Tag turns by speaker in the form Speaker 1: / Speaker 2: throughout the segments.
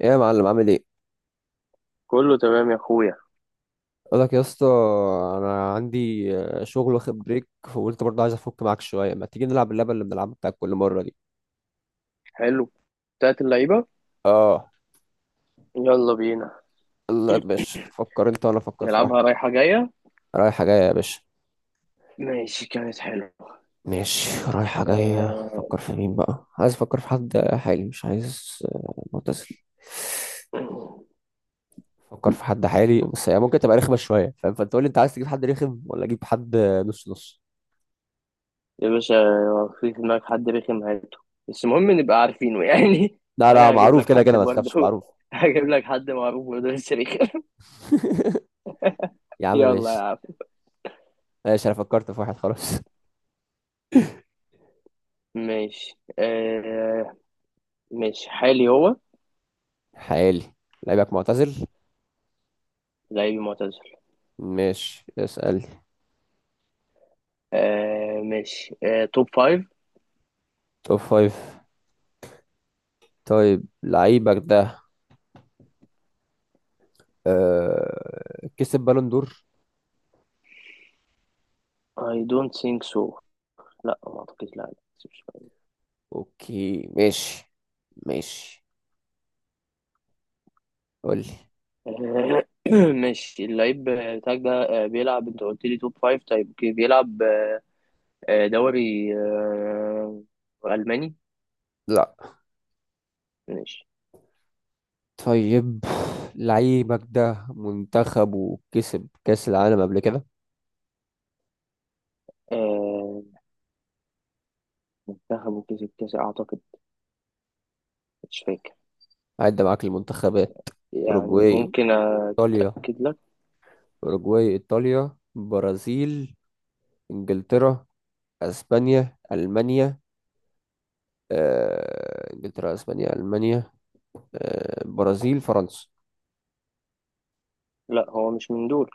Speaker 1: ايه يا معلم، عامل ايه؟
Speaker 2: كله تمام يا اخويا.
Speaker 1: اقول لك يا اسطى، انا عندي شغل واخد بريك، فقلت برضه عايز افك معاك شويه. ما تيجي نلعب اللعبه اللي بنلعبها بتاعت كل مره دي؟
Speaker 2: حلو. بتاعت اللعيبة.
Speaker 1: اه.
Speaker 2: يلا بينا.
Speaker 1: لا يا باشا، فكر انت وانا افكر في واحد.
Speaker 2: نلعبها رايحة جاية.
Speaker 1: رايحه جايه يا باشا.
Speaker 2: ماشي، كانت حلوة.
Speaker 1: ماشي، رايحه جايه.
Speaker 2: آه،
Speaker 1: فكر في مين
Speaker 2: أوكي.
Speaker 1: بقى. عايز افكر في حد حالي مش عايز معتزل. فكر في حد حالي بس هي ممكن تبقى رخمه شويه، فاهم؟ فانت قول لي انت عايز تجيب حد رخم ولا اجيب حد. نص نص.
Speaker 2: يا باشا، في دماغك حد رخم، هاته. بس المهم نبقى عارفينه يعني.
Speaker 1: لا لا،
Speaker 2: وانا هجيب
Speaker 1: معروف
Speaker 2: لك
Speaker 1: كده
Speaker 2: حد
Speaker 1: كده ما تخافش،
Speaker 2: برضه.
Speaker 1: معروف.
Speaker 2: هجيب لك حد معروف برضه بس رخم.
Speaker 1: يا عم
Speaker 2: يلا يا
Speaker 1: ماشي.
Speaker 2: عم.
Speaker 1: ماشي انا فكرت في واحد خلاص.
Speaker 2: ماشي. آه، ماشي. حالي هو.
Speaker 1: حالي. لعيبك معتزل.
Speaker 2: لعيبي معتزل.
Speaker 1: ماشي، اسأل.
Speaker 2: آه، ماشي. آه، توب فايف.
Speaker 1: توب فايف. طيب لعيبك ده كسب بالون دور؟
Speaker 2: I don't think so. لا، ما اعتقدش، لا. لا.
Speaker 1: اوكي ماشي. ماشي. قولي.
Speaker 2: آه، ماشي، اللعيب بتاعك ده بيلعب. انت قلت لي توب فايف، طيب اوكي بيلعب دوري ألماني.
Speaker 1: لا.
Speaker 2: ماشي.
Speaker 1: طيب لعيبك ده منتخب وكسب كأس العالم قبل كده؟
Speaker 2: آه، منتخبه كسب كاس أعتقد. مش فاكر.
Speaker 1: عدى معاك المنتخبات.
Speaker 2: يعني
Speaker 1: أوروجواي.
Speaker 2: ممكن
Speaker 1: إيطاليا.
Speaker 2: أتأكد لك.
Speaker 1: أوروجواي إيطاليا برازيل. إنجلترا. أسبانيا ألمانيا. انجلترا اسبانيا المانيا. برازيل فرنسا.
Speaker 2: لا، هو مش من دول.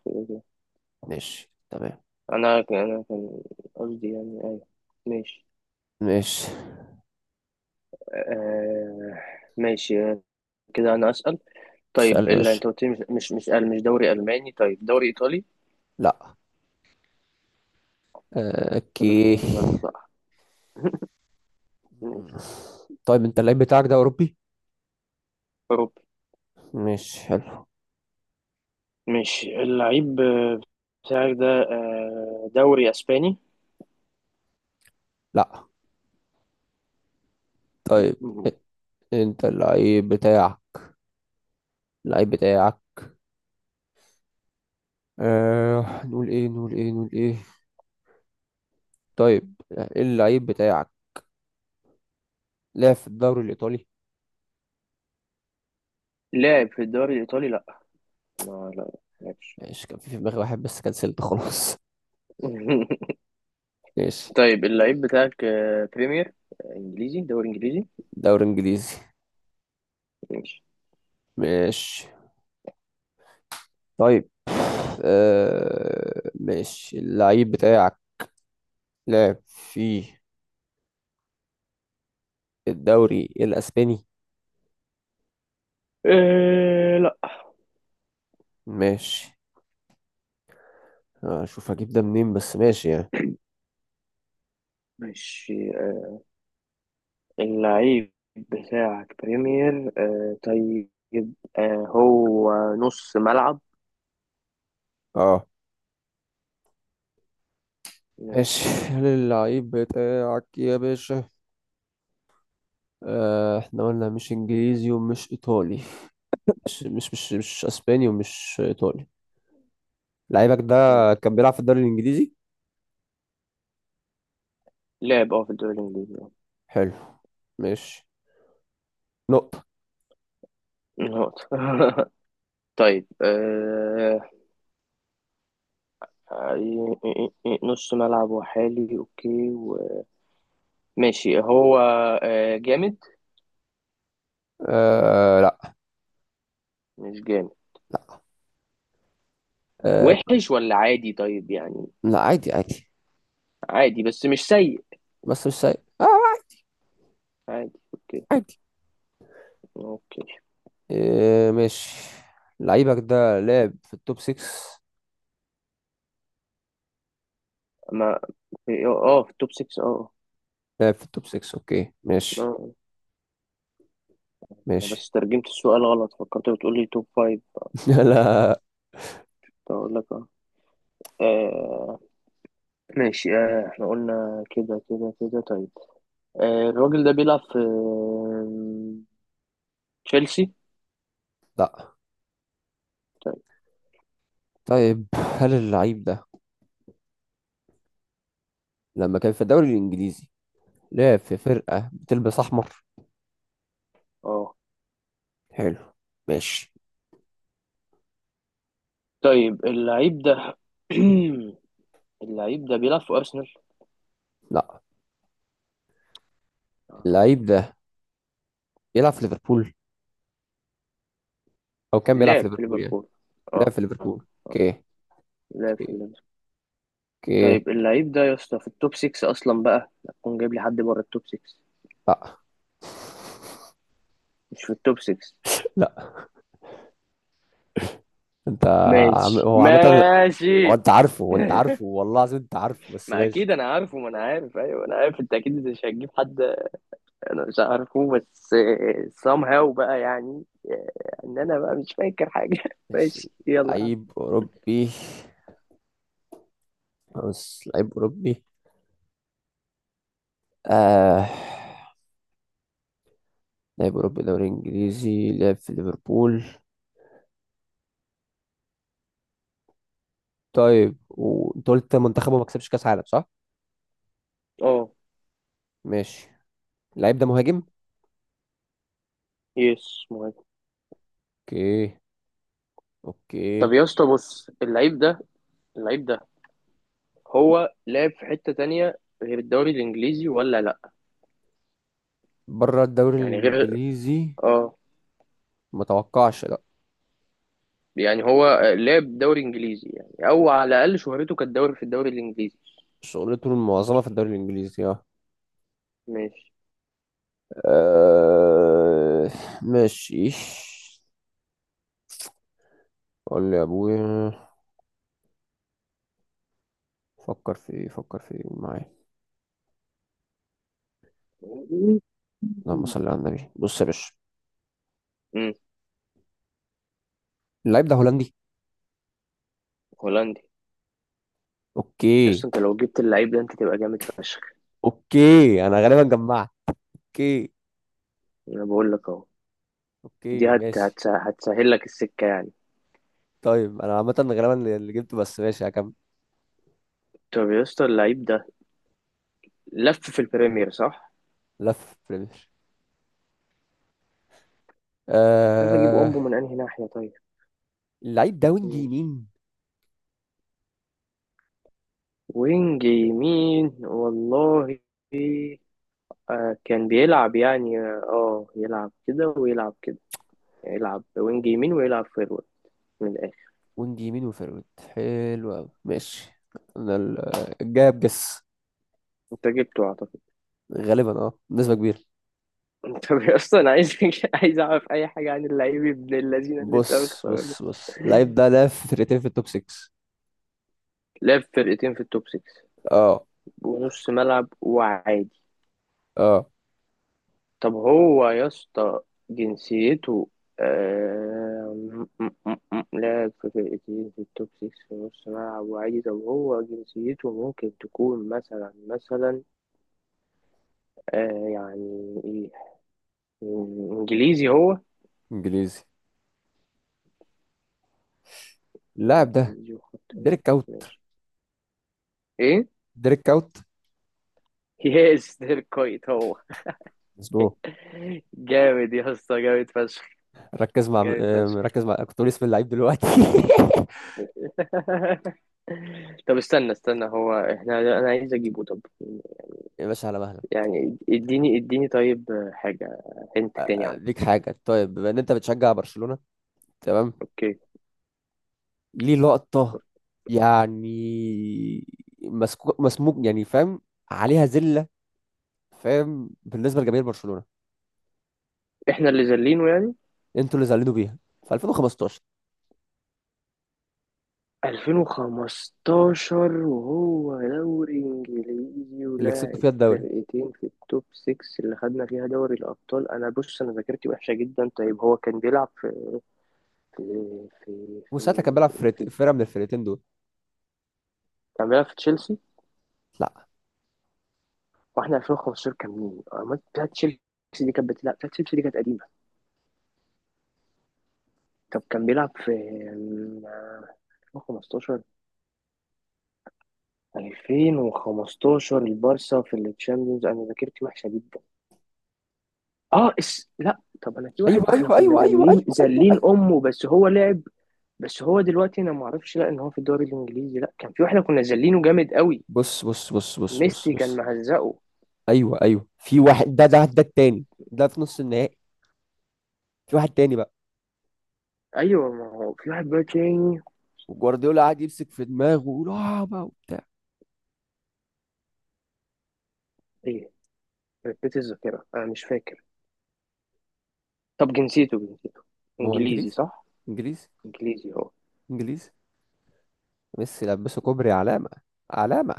Speaker 1: ماشي تمام.
Speaker 2: أنا كان قصدي، يعني أيوه. ماشي.
Speaker 1: ماشي.
Speaker 2: آه، ماشي. كده أنا أسأل. طيب،
Speaker 1: اسال يا
Speaker 2: اللي
Speaker 1: باشا.
Speaker 2: أنت قلت لي مش دوري ألماني. طيب، دوري إيطالي؟
Speaker 1: لا.
Speaker 2: طب
Speaker 1: اوكي.
Speaker 2: بتهزر بقى. ماشي.
Speaker 1: طيب انت اللعيب بتاعك ده اوروبي؟
Speaker 2: أوروبي.
Speaker 1: ماشي حلو.
Speaker 2: ماشي، اللعيب بتاعك ده دوري اسباني؟
Speaker 1: لا. طيب.
Speaker 2: مم.
Speaker 1: انت اللعيب بتاعك. اللعيب بتاعك. نقول ايه نقول ايه نقول ايه. طيب، اللعيب بتاعك لعب في الدوري الايطالي؟
Speaker 2: لاعب في الدوري الايطالي؟ لا، ما لا لعبش.
Speaker 1: ماشي، كان في دماغي واحد بس كنسلت خلاص. ماشي.
Speaker 2: طيب، اللعيب بتاعك بريمير انجليزي. دوري انجليزي.
Speaker 1: دوري انجليزي.
Speaker 2: ماشي.
Speaker 1: ماشي. طيب. ماشي. اللعيب بتاعك لعب في الدوري الأسباني؟
Speaker 2: أه، لا.
Speaker 1: ماشي. أشوف هجيب ده منين بس ماشي يعني.
Speaker 2: ماشي، اللعيب بتاعك بريمير أه. طيب، أه هو نص ملعب.
Speaker 1: اه. ماشي.
Speaker 2: ماشي.
Speaker 1: هل اللعيب بتاعك يا باشا، احنا قلنا مش انجليزي ومش ايطالي. مش اسباني ومش ايطالي. لعيبك ده
Speaker 2: مم.
Speaker 1: كان بيلعب في الدوري الانجليزي؟
Speaker 2: لعب اه في الدوري الانجليزي آه.
Speaker 1: حلو. ماشي. نقطة.
Speaker 2: نقطة. طيب، أه نص ملعب وحالي اوكي و ماشي، هو جامد؟
Speaker 1: آه لا.
Speaker 2: مش جامد؟
Speaker 1: آه.
Speaker 2: وحش ولا عادي طيب يعني؟
Speaker 1: لا عادي عادي،
Speaker 2: عادي بس مش سيء.
Speaker 1: بس مش سيء. آه
Speaker 2: عادي. اوكي.
Speaker 1: عادي.
Speaker 2: اوكي.
Speaker 1: إيه ماشي. لعيبك ده لعب في التوب 6؟
Speaker 2: ما اه في التوب 6 اه.
Speaker 1: لعب في التوب 6. اوكي ماشي.
Speaker 2: اه. أنا
Speaker 1: ماشي.
Speaker 2: بس ترجمت السؤال غلط، فكرت بتقول لي توب 5.
Speaker 1: لا.
Speaker 2: اقول لك اه. آه، ماشي. آه، احنا قلنا كده كده كده. طيب. آه، الراجل ده بيلعب في تشيلسي؟
Speaker 1: لا.
Speaker 2: طيب،
Speaker 1: طيب هل اللعيب ده لما كان في الدوري الانجليزي لعب في فرقة بتلبس احمر؟
Speaker 2: اه.
Speaker 1: حلو. ماشي.
Speaker 2: طيب، اللعيب ده اللعيب ده بيلعب في أرسنال؟
Speaker 1: لا.
Speaker 2: أها.
Speaker 1: اللعيب ده بيلعب في ليفربول، او كان بيلعب في
Speaker 2: لعب في
Speaker 1: ليفربول يعني.
Speaker 2: ليفربول،
Speaker 1: لعب
Speaker 2: اه
Speaker 1: في
Speaker 2: آه.
Speaker 1: ليفربول اوكي.
Speaker 2: لعب في
Speaker 1: اوكي.
Speaker 2: ليفربول.
Speaker 1: اوكي.
Speaker 2: طيب، اللعيب ده يا اسطى في التوب 6 أصلا، بقى هتكون جايب لي حد بره التوب 6؟
Speaker 1: لا.
Speaker 2: مش في التوب 6؟
Speaker 1: لا. انت... عم...
Speaker 2: ماشي.
Speaker 1: هو عامة، هو
Speaker 2: ماشي.
Speaker 1: انت عارفه، هو انت عارفه والله العظيم انت عارفه بس
Speaker 2: ما
Speaker 1: ماشي.
Speaker 2: اكيد انا عارفه، ما انا عارف، ايوه انا عارف انت اكيد مش هتجيب حد. انا مش عارفه بس somehow بقى يعني. آه، انا بقى مش فاكر حاجه.
Speaker 1: ماشي.
Speaker 2: ماشي، يلا يا عم.
Speaker 1: لعيب أوروبي. بص، لعيب أوروبي. آه. لعيب أوروبي دوري إنجليزي لعب في ليفربول. طيب وأنت قلت منتخبه ما كسبش كأس عالم، صح؟
Speaker 2: اه.
Speaker 1: ماشي. اللعيب ده مهاجم؟
Speaker 2: يس مهم.
Speaker 1: أوكي. أوكي.
Speaker 2: طب يا اسطى، بص، اللعيب ده هو لعب في حتة تانية غير الدوري الانجليزي ولا لا؟
Speaker 1: بره الدوري
Speaker 2: يعني غير،
Speaker 1: الإنجليزي.
Speaker 2: اه.
Speaker 1: ما توقعش لا.
Speaker 2: يعني هو لعب دوري انجليزي يعني، او على الاقل شهرته كانت في الدوري الانجليزي.
Speaker 1: شغلته المعظمة في الدوري الإنجليزي اه.
Speaker 2: ماشي.
Speaker 1: آه، ماشي. قول لي يا أبويا. فكر في إيه، فكر في إيه معايا. اللهم صل على النبي. بص يا باشا،
Speaker 2: امم
Speaker 1: اللعيب ده هولندي.
Speaker 2: هولندي؟
Speaker 1: اوكي.
Speaker 2: بس انت لو جبت اللعيب ده، انت تبقى جامد فشخ.
Speaker 1: اوكي انا غالبا جمعت. اوكي.
Speaker 2: انا بقول لك اهو. دي
Speaker 1: اوكي ماشي.
Speaker 2: هتسهل لك السكة يعني.
Speaker 1: طيب انا عامه غالبا اللي جبته، بس ماشي هكمل.
Speaker 2: طب يا اسطى، اللعيب ده لف في البريمير صح؟
Speaker 1: لف بريمير.
Speaker 2: مش عارف اجيب
Speaker 1: آه...
Speaker 2: امبو من انهي ناحية. طيب،
Speaker 1: اللعيب ده وينج
Speaker 2: ماشي،
Speaker 1: يمين.
Speaker 2: وينج يمين والله. آه، كان بيلعب يعني اه، يلعب كده ويلعب كده. يعني يلعب وينج يمين ويلعب فيرويد من الاخر.
Speaker 1: وينج يمين وفيرويد، حلو قوي. ماشي. انا الجاب جس.
Speaker 2: انت جبته اعتقد.
Speaker 1: غالبا اه بنسبه كبيره.
Speaker 2: انت اصلا عايز عايز اعرف اي حاجه عن اللعيب ابن اللذين اللي انت
Speaker 1: بص
Speaker 2: مختاره ده.
Speaker 1: بص بص اللعيب ده لعب في فرقتين في التوب 6.
Speaker 2: لعب فرقتين في التوب 6
Speaker 1: اه.
Speaker 2: ونص ملعب وعادي.
Speaker 1: اه
Speaker 2: طب هو يا اسطى جنسيته، لاعب في فرقتين في التوب 6 في نص ملعب وعادي. طب هو جنسيته ممكن تكون مثلا مثلا؟ آه يعني ايه، انجليزي هو؟
Speaker 1: انجليزي. اللاعب ده
Speaker 2: انجليزي وخط وش.
Speaker 1: ديريك كاوت.
Speaker 2: ماشي. ايه؟
Speaker 1: ديريك كاوت.
Speaker 2: يس، ده الكويت هو.
Speaker 1: مظبوط.
Speaker 2: جامد يا اسطى، جامد فشخ.
Speaker 1: ركز مع
Speaker 2: جامد فشخ.
Speaker 1: ركز مع، كنت بقول اسم اللعيب دلوقتي.
Speaker 2: طب، استنى استنى، هو احنا، انا عايز اجيبه. طب
Speaker 1: يا باشا على مهلك.
Speaker 2: يعني اديني اديني طيب حاجة. انت تاني عنه.
Speaker 1: ليك حاجة، طيب. بما ان انت بتشجع برشلونة، تمام.
Speaker 2: اوكي.
Speaker 1: ليه لقطة يعني، مسكوك مسموك يعني، فاهم؟ عليها زلة، فاهم؟ بالنسبة لجماهير برشلونة
Speaker 2: احنا اللي زلينه يعني.
Speaker 1: انتوا اللي زعلانين بيها، في 2015،
Speaker 2: 2015، وهو دوري انجليزي
Speaker 1: اللي كسبتوا
Speaker 2: ولاعب
Speaker 1: فيها الدوري،
Speaker 2: فرقتين في التوب 6 اللي خدنا فيها دوري الابطال. انا بص انا ذاكرتي وحشه جدا. طيب هو كان بيلعب في في في
Speaker 1: وساعتها كان
Speaker 2: في,
Speaker 1: بيلعب في
Speaker 2: في,
Speaker 1: فرقة
Speaker 2: في
Speaker 1: فرقة من الفرقتين دول.
Speaker 2: كان بيلعب في تشيلسي.
Speaker 1: لا.
Speaker 2: واحنا 2015 كان مين؟ أمال بتاعت تشيلسي دي كانت بتلعب، بتاعت تشيلسي دي كانت قديمه. طب كان بيلعب في 2015، 2015 البارسا في التشامبيونز. انا ذاكرتي وحشه جدا. اه، اس... لا. طب انا، في
Speaker 1: ايوه
Speaker 2: واحد ما احنا
Speaker 1: ايوه
Speaker 2: كنا
Speaker 1: ايوه ايوه ايوه
Speaker 2: زلين
Speaker 1: ايوه
Speaker 2: زلين
Speaker 1: ايوه.
Speaker 2: امه بس هو لعب. بس هو دلوقتي، انا ما اعرفش لا ان هو في الدوري الانجليزي، لا. كان في واحد كنا زلينه جامد قوي،
Speaker 1: بص بص بص بص بص
Speaker 2: ميسي كان
Speaker 1: بص.
Speaker 2: مهزقه.
Speaker 1: ايوه ايوه. في واحد، ده التاني ده في نص النهائي. في واحد تاني بقى.
Speaker 2: ايوه، ما هو في واحد بقى تاني.
Speaker 1: وجوارديولا قاعد يمسك في دماغه ويقول اه بقى وبتاع.
Speaker 2: ايه. ركبت الذاكره، انا مش فاكر. طب جنسيته،
Speaker 1: ما هو
Speaker 2: انجليزي
Speaker 1: انجليزي.
Speaker 2: صح؟
Speaker 1: انجليزي.
Speaker 2: انجليزي هو؟
Speaker 1: انجليزي. ميسي لبسه كوبري علامة، علامة.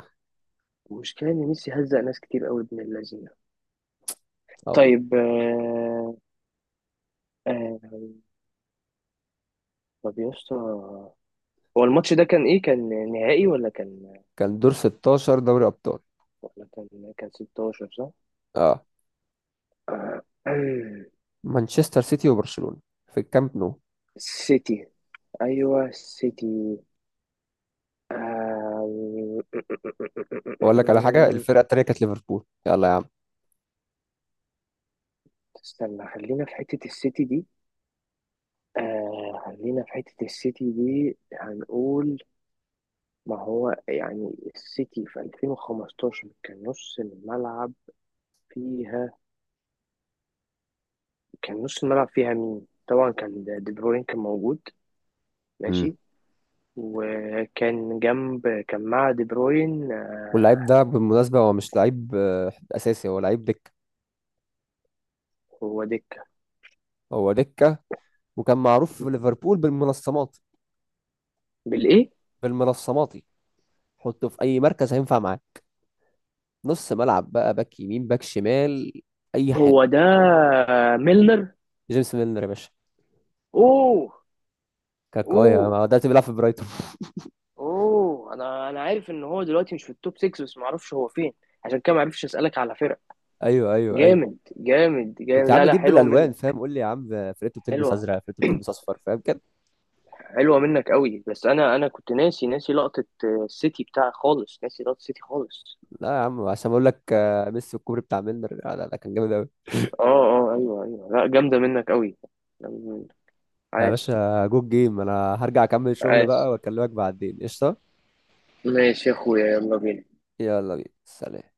Speaker 2: المشكله ان ميسي هزق ناس كتير قوي، ابن اللذينه.
Speaker 1: اه والله.
Speaker 2: طيب، آه... طب يا اسطى، هو الماتش ده كان ايه، كان نهائي ولا كان،
Speaker 1: كان دور 16 دوري ابطال.
Speaker 2: كان 16 صح؟
Speaker 1: اه.
Speaker 2: آه،
Speaker 1: مانشستر سيتي وبرشلونة في الكامب نو.
Speaker 2: سيتي. ايوه، سيتي. آه،
Speaker 1: اقول لك على حاجة، الفرقة التانية كانت ليفربول، يلا يا عم.
Speaker 2: استنى، خلينا في حتة السيتي دي. آه، خلينا في حتة السيتي دي، هنقول. ما هو يعني السيتي في 2015 كان نص الملعب فيها، كان نص الملعب فيها مين؟ طبعا كان دي بروين كان موجود.
Speaker 1: امم.
Speaker 2: ماشي. وكان جنب، كان مع دي بروين
Speaker 1: واللعيب ده بالمناسبة هو مش لعيب اساسي، هو لعيب دكة.
Speaker 2: هو دكة.
Speaker 1: هو دكة. وكان معروف في ليفربول بالمنصمات.
Speaker 2: بالإيه؟
Speaker 1: بالمنصماتي. حطه في اي مركز هينفع معاه. نص ملعب بقى، باك يمين، باك شمال، اي حاجة.
Speaker 2: هو ده ميلنر.
Speaker 1: جيمس ميلنر يا باشا.
Speaker 2: اوه.
Speaker 1: كان قوي
Speaker 2: اوه.
Speaker 1: ده، دلوقتي بيلعب في برايتون.
Speaker 2: اوه انا عارف ان هو دلوقتي مش في التوب 6 بس ما اعرفش هو فين، عشان كده ما عرفش اسالك على فرق.
Speaker 1: ايوه ايوه ايوه.
Speaker 2: جامد جامد
Speaker 1: كنت
Speaker 2: جامد،
Speaker 1: يا عم
Speaker 2: لا لا،
Speaker 1: اجيب
Speaker 2: حلوه
Speaker 1: بالالوان
Speaker 2: منك.
Speaker 1: فاهم، قول لي يا عم فرقته بتلبس
Speaker 2: حلوه.
Speaker 1: ازرق، فرقته بتلبس اصفر، فاهم كده.
Speaker 2: حلوه منك قوي. بس انا كنت ناسي ناسي لقطه السيتي بتاع خالص، ناسي لقطه السيتي خالص.
Speaker 1: لا يا عم عشان اقول لك ميسي والكوبري بتاع ميلنر، لا لا لا، كان جامد قوي.
Speaker 2: اه، اه، ايوه، ايوه، لا، جامده منك قوي. جامدة منك.
Speaker 1: يا
Speaker 2: عاش.
Speaker 1: باشا جود جيم، انا هرجع اكمل شغل
Speaker 2: عاش.
Speaker 1: بقى واكلمك بعدين، قشطه.
Speaker 2: ماشي يا اخويا. يلا بينا.
Speaker 1: يلا بينا، سلام.